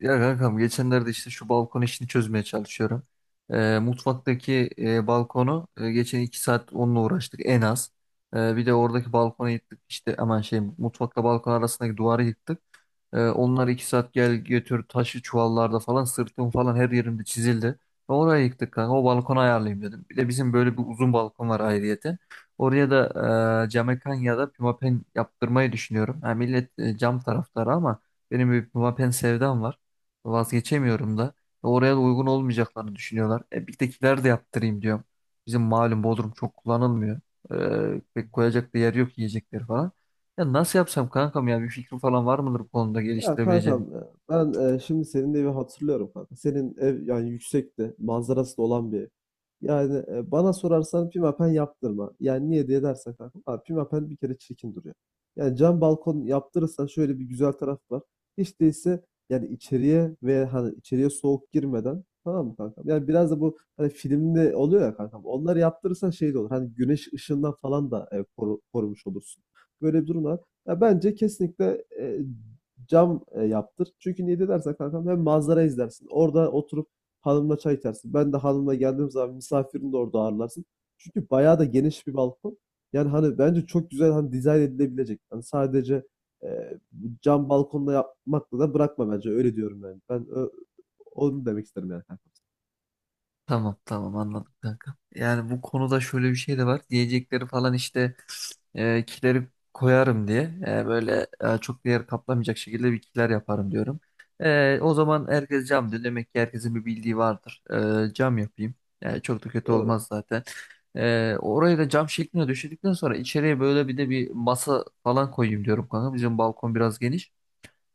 Ya kankam geçenlerde işte şu balkon işini çözmeye çalışıyorum. Mutfaktaki balkonu geçen 2 saat onunla uğraştık en az. Bir de oradaki balkonu yıktık işte aman şey mutfakla balkon arasındaki duvarı yıktık. Onlar 2 saat gel götür taşı çuvallarda falan sırtım falan her yerimde çizildi. Ve oraya yıktık kanka o balkonu ayarlayayım dedim. Bir de bizim böyle bir uzun balkon var ayrıyeten. Oraya da camekan ya da pimapen yaptırmayı düşünüyorum. Ha, millet cam taraftarı ama benim bir pimapen sevdam var. Hı hı. Vazgeçemiyorum da. Ve oraya da uygun olmayacaklarını düşünüyorlar. Birdekiler de yaptırayım diyorum. Bizim malum Bodrum çok kullanılmıyor. Hı Pek hı. koyacak da yer yok yiyecekleri falan. Ya nasıl yapsam kankam ya bir fikrim falan var mıdır bu konuda Ya kanka geliştirebileceğim? ben şimdi senin evi hatırlıyorum kanka. Senin ev yani yüksekte, manzarası da olan bir ev. Yani bana sorarsan pimapen yaptırma. Yani niye diye dersen kanka. Abi pimapen bir kere çirkin duruyor. Yani cam balkon yaptırırsan şöyle bir güzel taraf var. Hiç değilse yani içeriye ve hani içeriye soğuk girmeden tamam mı kankam? Yani biraz da bu hani filmde oluyor ya kankam. Onları yaptırırsan şey de olur. Hani güneş ışığından falan da korumuş olursun. Böyle bir durum var. Ya bence kesinlikle cam yaptır. Çünkü niye de dersen kankam hem manzara izlersin. Orada oturup hanımla çay içersin. Ben de hanımla geldiğim zaman misafirini de orada ağırlarsın. Çünkü bayağı da geniş bir balkon. Yani hani bence çok güzel hani dizayn edilebilecek. Hani sadece e, cam balkonla yapmakla da bırakma bence. Öyle diyorum yani. Onu demek isterim yani kankam. Tamam tamam, anladım kanka. Yani bu konuda şöyle bir şey de var. Diyecekleri falan işte kileri koyarım diye böyle çok değer kaplamayacak şekilde bir kiler yaparım diyorum. O zaman herkes cam diyor. Demek ki herkesin bir bildiği vardır. Cam yapayım. Yani çok da kötü Doğru. olmaz zaten. Orayı da cam şekline düşürdükten sonra içeriye böyle bir de bir masa falan koyayım diyorum kanka. Bizim balkon biraz geniş.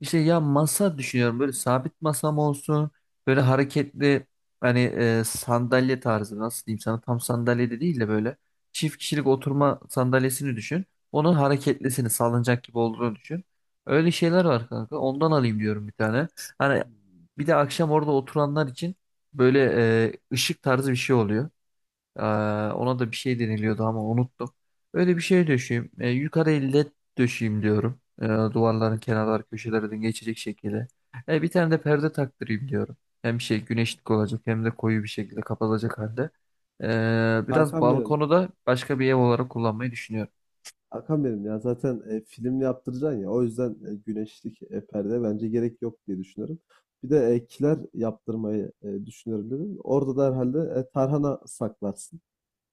İşte ya masa düşünüyorum, böyle sabit masam olsun, böyle hareketli, hani sandalye tarzı, nasıl diyeyim sana, tam sandalye de değil de böyle çift kişilik oturma sandalyesini düşün. Onun hareketlisini, sallanacak gibi olduğunu düşün. Öyle şeyler var kanka, ondan alayım diyorum bir tane. Hani Hmm. bir de akşam orada oturanlar için böyle ışık tarzı bir şey oluyor. Ee, ona da bir şey deniliyordu ama unuttum. Öyle bir şey döşeyim. Yukarı elle döşeyim diyorum. Duvarların kenarlar köşelerden geçecek şekilde. Bir tane de perde taktırayım diyorum. Hem şey, güneşlik olacak, hem de koyu bir şekilde kapatacak halde. Biraz Kankam benim. balkonu da başka bir ev olarak kullanmayı düşünüyorum. Hakan benim ya zaten film yaptıracaksın ya o yüzden güneşlik perde bence gerek yok diye düşünüyorum. Bir de kiler yaptırmayı düşünüyorum dedim. Orada da herhalde tarhana saklarsın.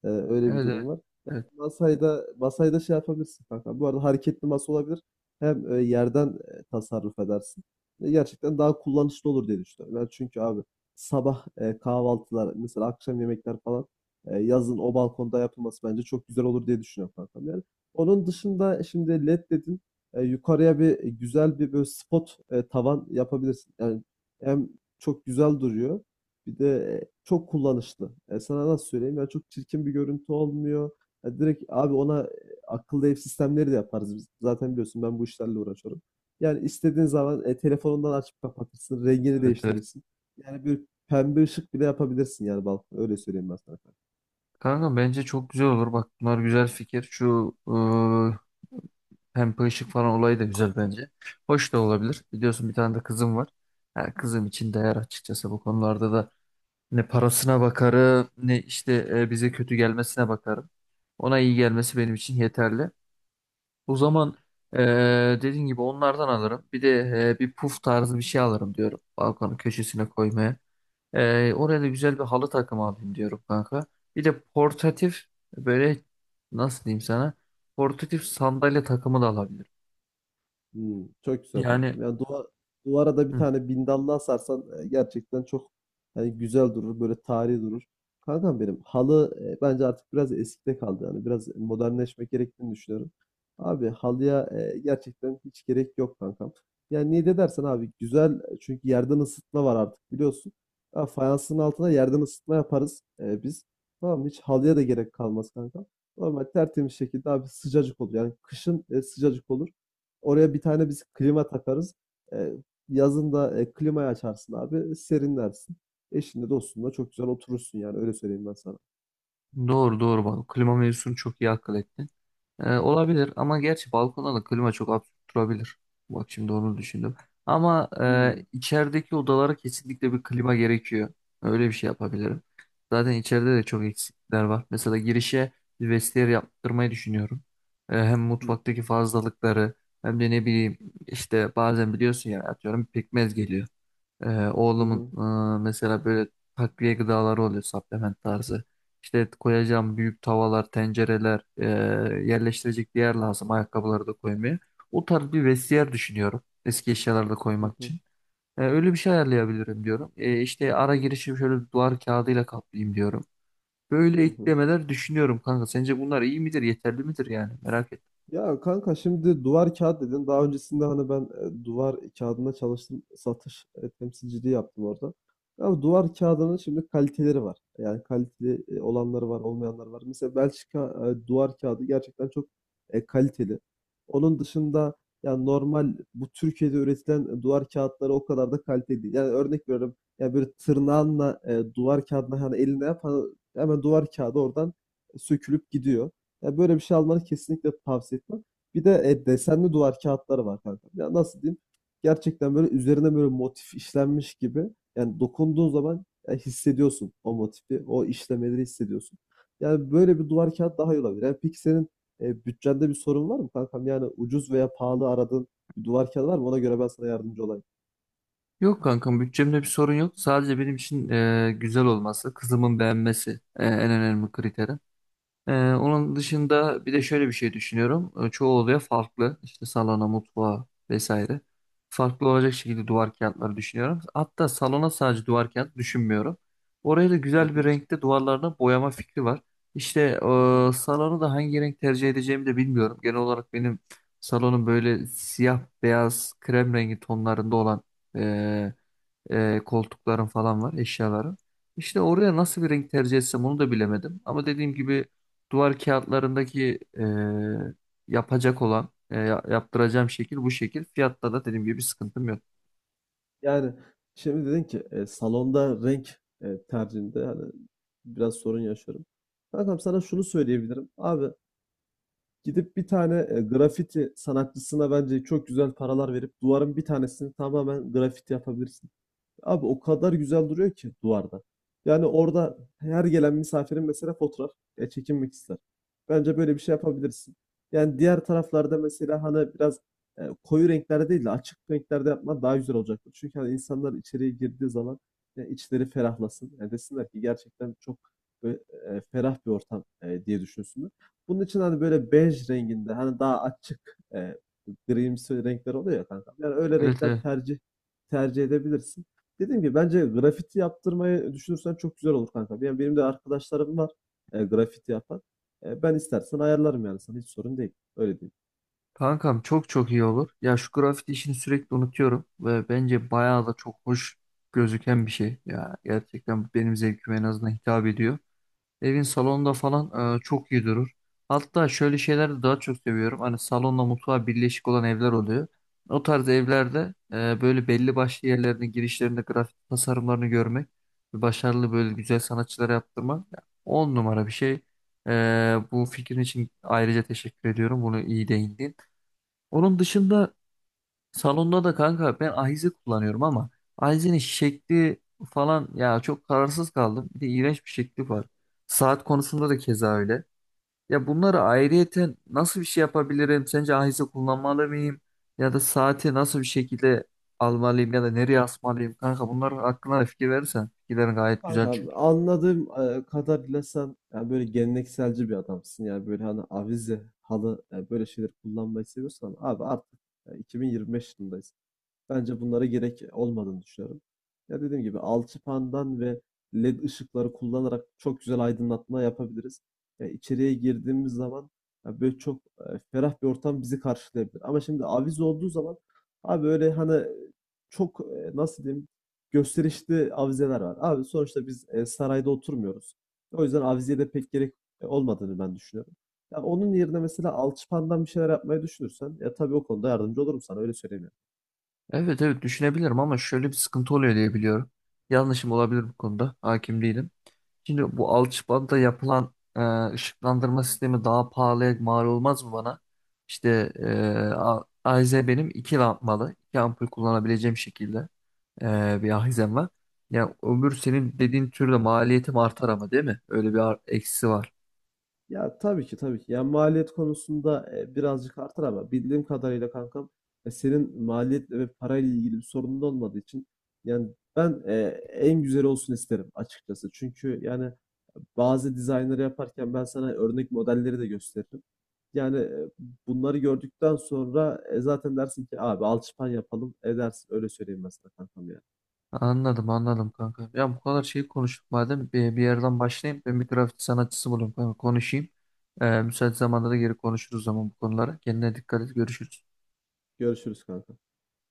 Öyle bir Evet, durum evet. var. Evet, Masayda şey yapabilirsin kanka. Bu arada hareketli masa olabilir. Hem yerden tasarruf edersin. Ve gerçekten daha kullanışlı olur diye düşünüyorum. Ben çünkü abi sabah kahvaltılar, mesela akşam yemekler falan yazın o balkonda yapılması bence çok güzel olur diye düşünüyorum kankam yani. Onun dışında şimdi led dedin. Yukarıya bir güzel bir böyle spot tavan yapabilirsin. Yani hem çok güzel duruyor. Bir de çok kullanışlı. E, sana nasıl söyleyeyim? Yani çok çirkin bir görüntü olmuyor. Ya direkt abi ona akıllı ev sistemleri de yaparız biz. Zaten biliyorsun ben bu işlerle uğraşıyorum. Yani istediğin zaman telefonundan açıp kapatırsın, rengini evet. Evet. değiştirirsin. Yani bir pembe ışık bile yapabilirsin yani balkona. Öyle söyleyeyim ben sana. Kanka bence çok güzel olur. Bak bunlar güzel fikir. Şu pembe ışık falan olayı da güzel bence. Hoş da olabilir. Biliyorsun bir tane de kızım var. Yani kızım için değer açıkçası. Bu konularda da ne parasına bakarım ne işte bize kötü gelmesine bakarım. Ona iyi gelmesi benim için yeterli. O zaman e, dediğin gibi onlardan alırım. Bir de bir puf tarzı bir şey alırım diyorum. Balkonun köşesine koymaya. Oraya da güzel bir halı takımı alayım diyorum kanka. Bir de portatif böyle, nasıl diyeyim sana? Portatif sandalye takımı da alabilirim. Hmm, çok güzel Yani. kankam. Duvara da bir Hı. tane bindallı asarsan gerçekten çok hani güzel durur, böyle tarihi durur. Kankam benim halı bence artık biraz eskide kaldı yani biraz modernleşmek gerektiğini düşünüyorum. Abi halıya gerçekten hiç gerek yok kankam. Yani niye de dersen abi güzel çünkü yerden ısıtma var artık biliyorsun. Ya fayansın altına yerden ısıtma yaparız biz. Tamam mı? Hiç halıya da gerek kalmaz kankam. Normal tertemiz şekilde abi sıcacık olur. Yani kışın sıcacık olur. Oraya bir tane biz klima takarız. Eee, yazın da, klimayı açarsın abi, serinlersin. Eşinle, dostunla çok güzel oturursun yani öyle söyleyeyim ben sana. Doğru doğru, bak klima mevzusunu çok iyi akıl ettin. Olabilir ama gerçi balkonda da klima çok absürt durabilir. Bak şimdi onu düşündüm. Ama Hımm. içerideki odalara kesinlikle bir klima gerekiyor. Öyle bir şey yapabilirim. Zaten içeride de çok eksikler var. Mesela girişe bir vestiyer yaptırmayı düşünüyorum. Hem Hı hı. mutfaktaki fazlalıkları, hem de ne bileyim, işte bazen biliyorsun ya, atıyorum pekmez geliyor. Hı Oğlumun hı. Mesela böyle takviye gıdaları oluyor, supplement tarzı. İşte koyacağım büyük tavalar, tencereler, yerleştirecek bir yer lazım, ayakkabıları da koymaya. O tarz bir vestiyer düşünüyorum, eski eşyaları da Hı koymak hı. için. Öyle bir şey ayarlayabilirim diyorum. İşte ara girişim şöyle bir duvar kağıdıyla kaplayayım diyorum. Böyle Hı hı. eklemeler düşünüyorum kanka. Sence bunlar iyi midir, yeterli midir yani? Merak ettim. Ya kanka şimdi duvar kağıt dedin. Daha öncesinde hani ben duvar kağıdına çalıştım. Satış temsilciliği yaptım orada. Ama duvar kağıdının şimdi kaliteleri var. Yani kaliteli olanları var, olmayanları var. Mesela Belçika duvar kağıdı gerçekten çok kaliteli. Onun dışında yani normal bu Türkiye'de üretilen duvar kağıtları o kadar da kaliteli değil. Yani örnek veriyorum. Yani böyle tırnağınla duvar kağıdına hani eline yap hani hemen duvar kağıdı oradan sökülüp gidiyor. Ya böyle bir şey almanı kesinlikle tavsiye etmem. Bir de desenli duvar kağıtları var kanka. Ya nasıl diyeyim? Gerçekten böyle üzerine böyle motif işlenmiş gibi. Yani dokunduğun zaman ya hissediyorsun o motifi, o işlemeleri hissediyorsun. Yani böyle bir duvar kağıt daha iyi olabilir. Yani peki senin bütçende bir sorun var mı kankam? Yani ucuz veya pahalı aradığın bir duvar kağıdı var mı? Ona göre ben sana yardımcı olayım. Yok kankam, bütçemde bir sorun yok. Sadece benim için güzel olması, kızımın beğenmesi en önemli kriterim. Onun dışında bir de şöyle bir şey düşünüyorum. Çoğu odaya farklı, işte salona, mutfağa vesaire, farklı olacak şekilde duvar kağıtları düşünüyorum. Hatta salona sadece duvar kağıt düşünmüyorum. Oraya da Hı güzel bir hı, renkte duvarlarına boyama fikri var. İşte hı hı. Salonu da hangi renk tercih edeceğimi de bilmiyorum. Genel olarak benim salonum böyle siyah, beyaz, krem rengi tonlarında olan e, koltukların falan var, eşyaların. İşte oraya nasıl bir renk tercih etsem onu da bilemedim. Ama dediğim gibi duvar kağıtlarındaki yapacak olan, yaptıracağım şekil bu şekil. Fiyatta da dediğim gibi bir sıkıntım yok. Yani şimdi dedin ki salonda renk tercihinde hani biraz sorun yaşıyorum. Kankam sana şunu söyleyebilirim. Abi gidip bir tane grafiti sanatçısına bence çok güzel paralar verip duvarın bir tanesini tamamen grafiti yapabilirsin. Abi o kadar güzel duruyor ki duvarda. Yani orada her gelen misafirin mesela fotoğraf ya çekinmek ister. Bence böyle bir şey yapabilirsin. Yani diğer taraflarda mesela hani biraz koyu renklerde değil de açık renklerde yapman daha güzel olacaktır. Çünkü hani insanlar içeriye girdiği zaman ya içleri ferahlasın. Yani desinler ki gerçekten çok böyle, ferah bir ortam diye düşünsünler. Bunun için hani böyle bej renginde hani daha açık grimsi renkler oluyor ya kanka. Yani öyle Evet, renkler evet. tercih edebilirsin. Dediğim gibi bence grafiti yaptırmayı düşünürsen çok güzel olur kanka. Yani benim de arkadaşlarım var grafiti yapan. Ben istersen ayarlarım yani sana hiç sorun değil. Öyle değil. Kankam çok çok iyi olur. Ya şu grafiti işini sürekli unutuyorum ve bence bayağı da çok hoş gözüken bir şey. Ya gerçekten benim zevkime en azından hitap ediyor. Evin salonunda falan çok iyi durur. Hatta şöyle şeyler de daha çok seviyorum. Hani salonla mutfağı birleşik olan evler oluyor. O tarz evlerde böyle belli başlı yerlerinde, girişlerinde grafik tasarımlarını görmek ve başarılı böyle güzel sanatçılara yaptırmak ya, on numara bir şey. E, bu fikrin için ayrıca teşekkür ediyorum. Bunu iyi değindin. Onun dışında salonda da kanka ben ahize kullanıyorum ama ahizenin şekli falan, ya çok kararsız kaldım. Bir de iğrenç bir şekli var. Saat konusunda da keza öyle. Ya bunları ayrıyeten nasıl bir şey yapabilirim? Sence ahize kullanmalı mıyım? Ya da saati nasıl bir şekilde almalıyım, ya da nereye asmalıyım? Kanka, bunlar hakkında da fikir verirsen. Fikirlerin gayet güzel Kanka çünkü. anladığım kadarıyla sen yani böyle gelenekselci bir adamsın. Yani böyle hani avize, halı böyle şeyler kullanmayı seviyorsan abi artık 2025 yılındayız. Bence bunlara gerek olmadığını düşünüyorum. Ya dediğim gibi alçıpandan ve led ışıkları kullanarak çok güzel aydınlatma yapabiliriz. Ya içeriye girdiğimiz zaman ya böyle çok ferah bir ortam bizi karşılayabilir. Ama şimdi avize olduğu zaman abi öyle hani nasıl diyeyim gösterişli avizeler var. Abi sonuçta biz sarayda oturmuyoruz. O yüzden avizeye de pek gerek olmadığını ben düşünüyorum. Ya onun yerine mesela alçıpandan bir şeyler yapmayı düşünürsen ya tabii o konuda yardımcı olurum sana öyle söyleyeyim. Yani. Evet evet, düşünebilirim ama şöyle bir sıkıntı oluyor diye biliyorum. Yanlışım olabilir bu konuda. Hakim değilim. Şimdi bu Alçıbada'da yapılan ışıklandırma sistemi daha pahalıya mal olmaz mı bana? İşte ahize benim iki lambalı, iki ampul kullanabileceğim şekilde bir ahizem var. Yani ömür senin dediğin türde maliyetim artar ama değil mi? Öyle bir eksisi var. Ya tabii ki tabii ki. Yani maliyet konusunda birazcık artar ama bildiğim kadarıyla kankam senin maliyetle ve parayla ilgili bir sorunun olmadığı için yani ben en güzel olsun isterim açıkçası. Çünkü yani bazı dizaynları yaparken ben sana örnek modelleri de gösteririm. Yani, bunları gördükten sonra, zaten dersin ki abi alçıpan yapalım edersin. Öyle söyleyeyim mesela sana kankam yani. Anladım anladım kanka. Ya bu kadar şey konuştuk, madem bir yerden başlayayım. Ben bir grafiti sanatçısı bulayım kanka, konuşayım. Müsait zamanda da geri konuşuruz zaman bu konulara. Kendine dikkat et, görüşürüz. Görüşürüz kanka.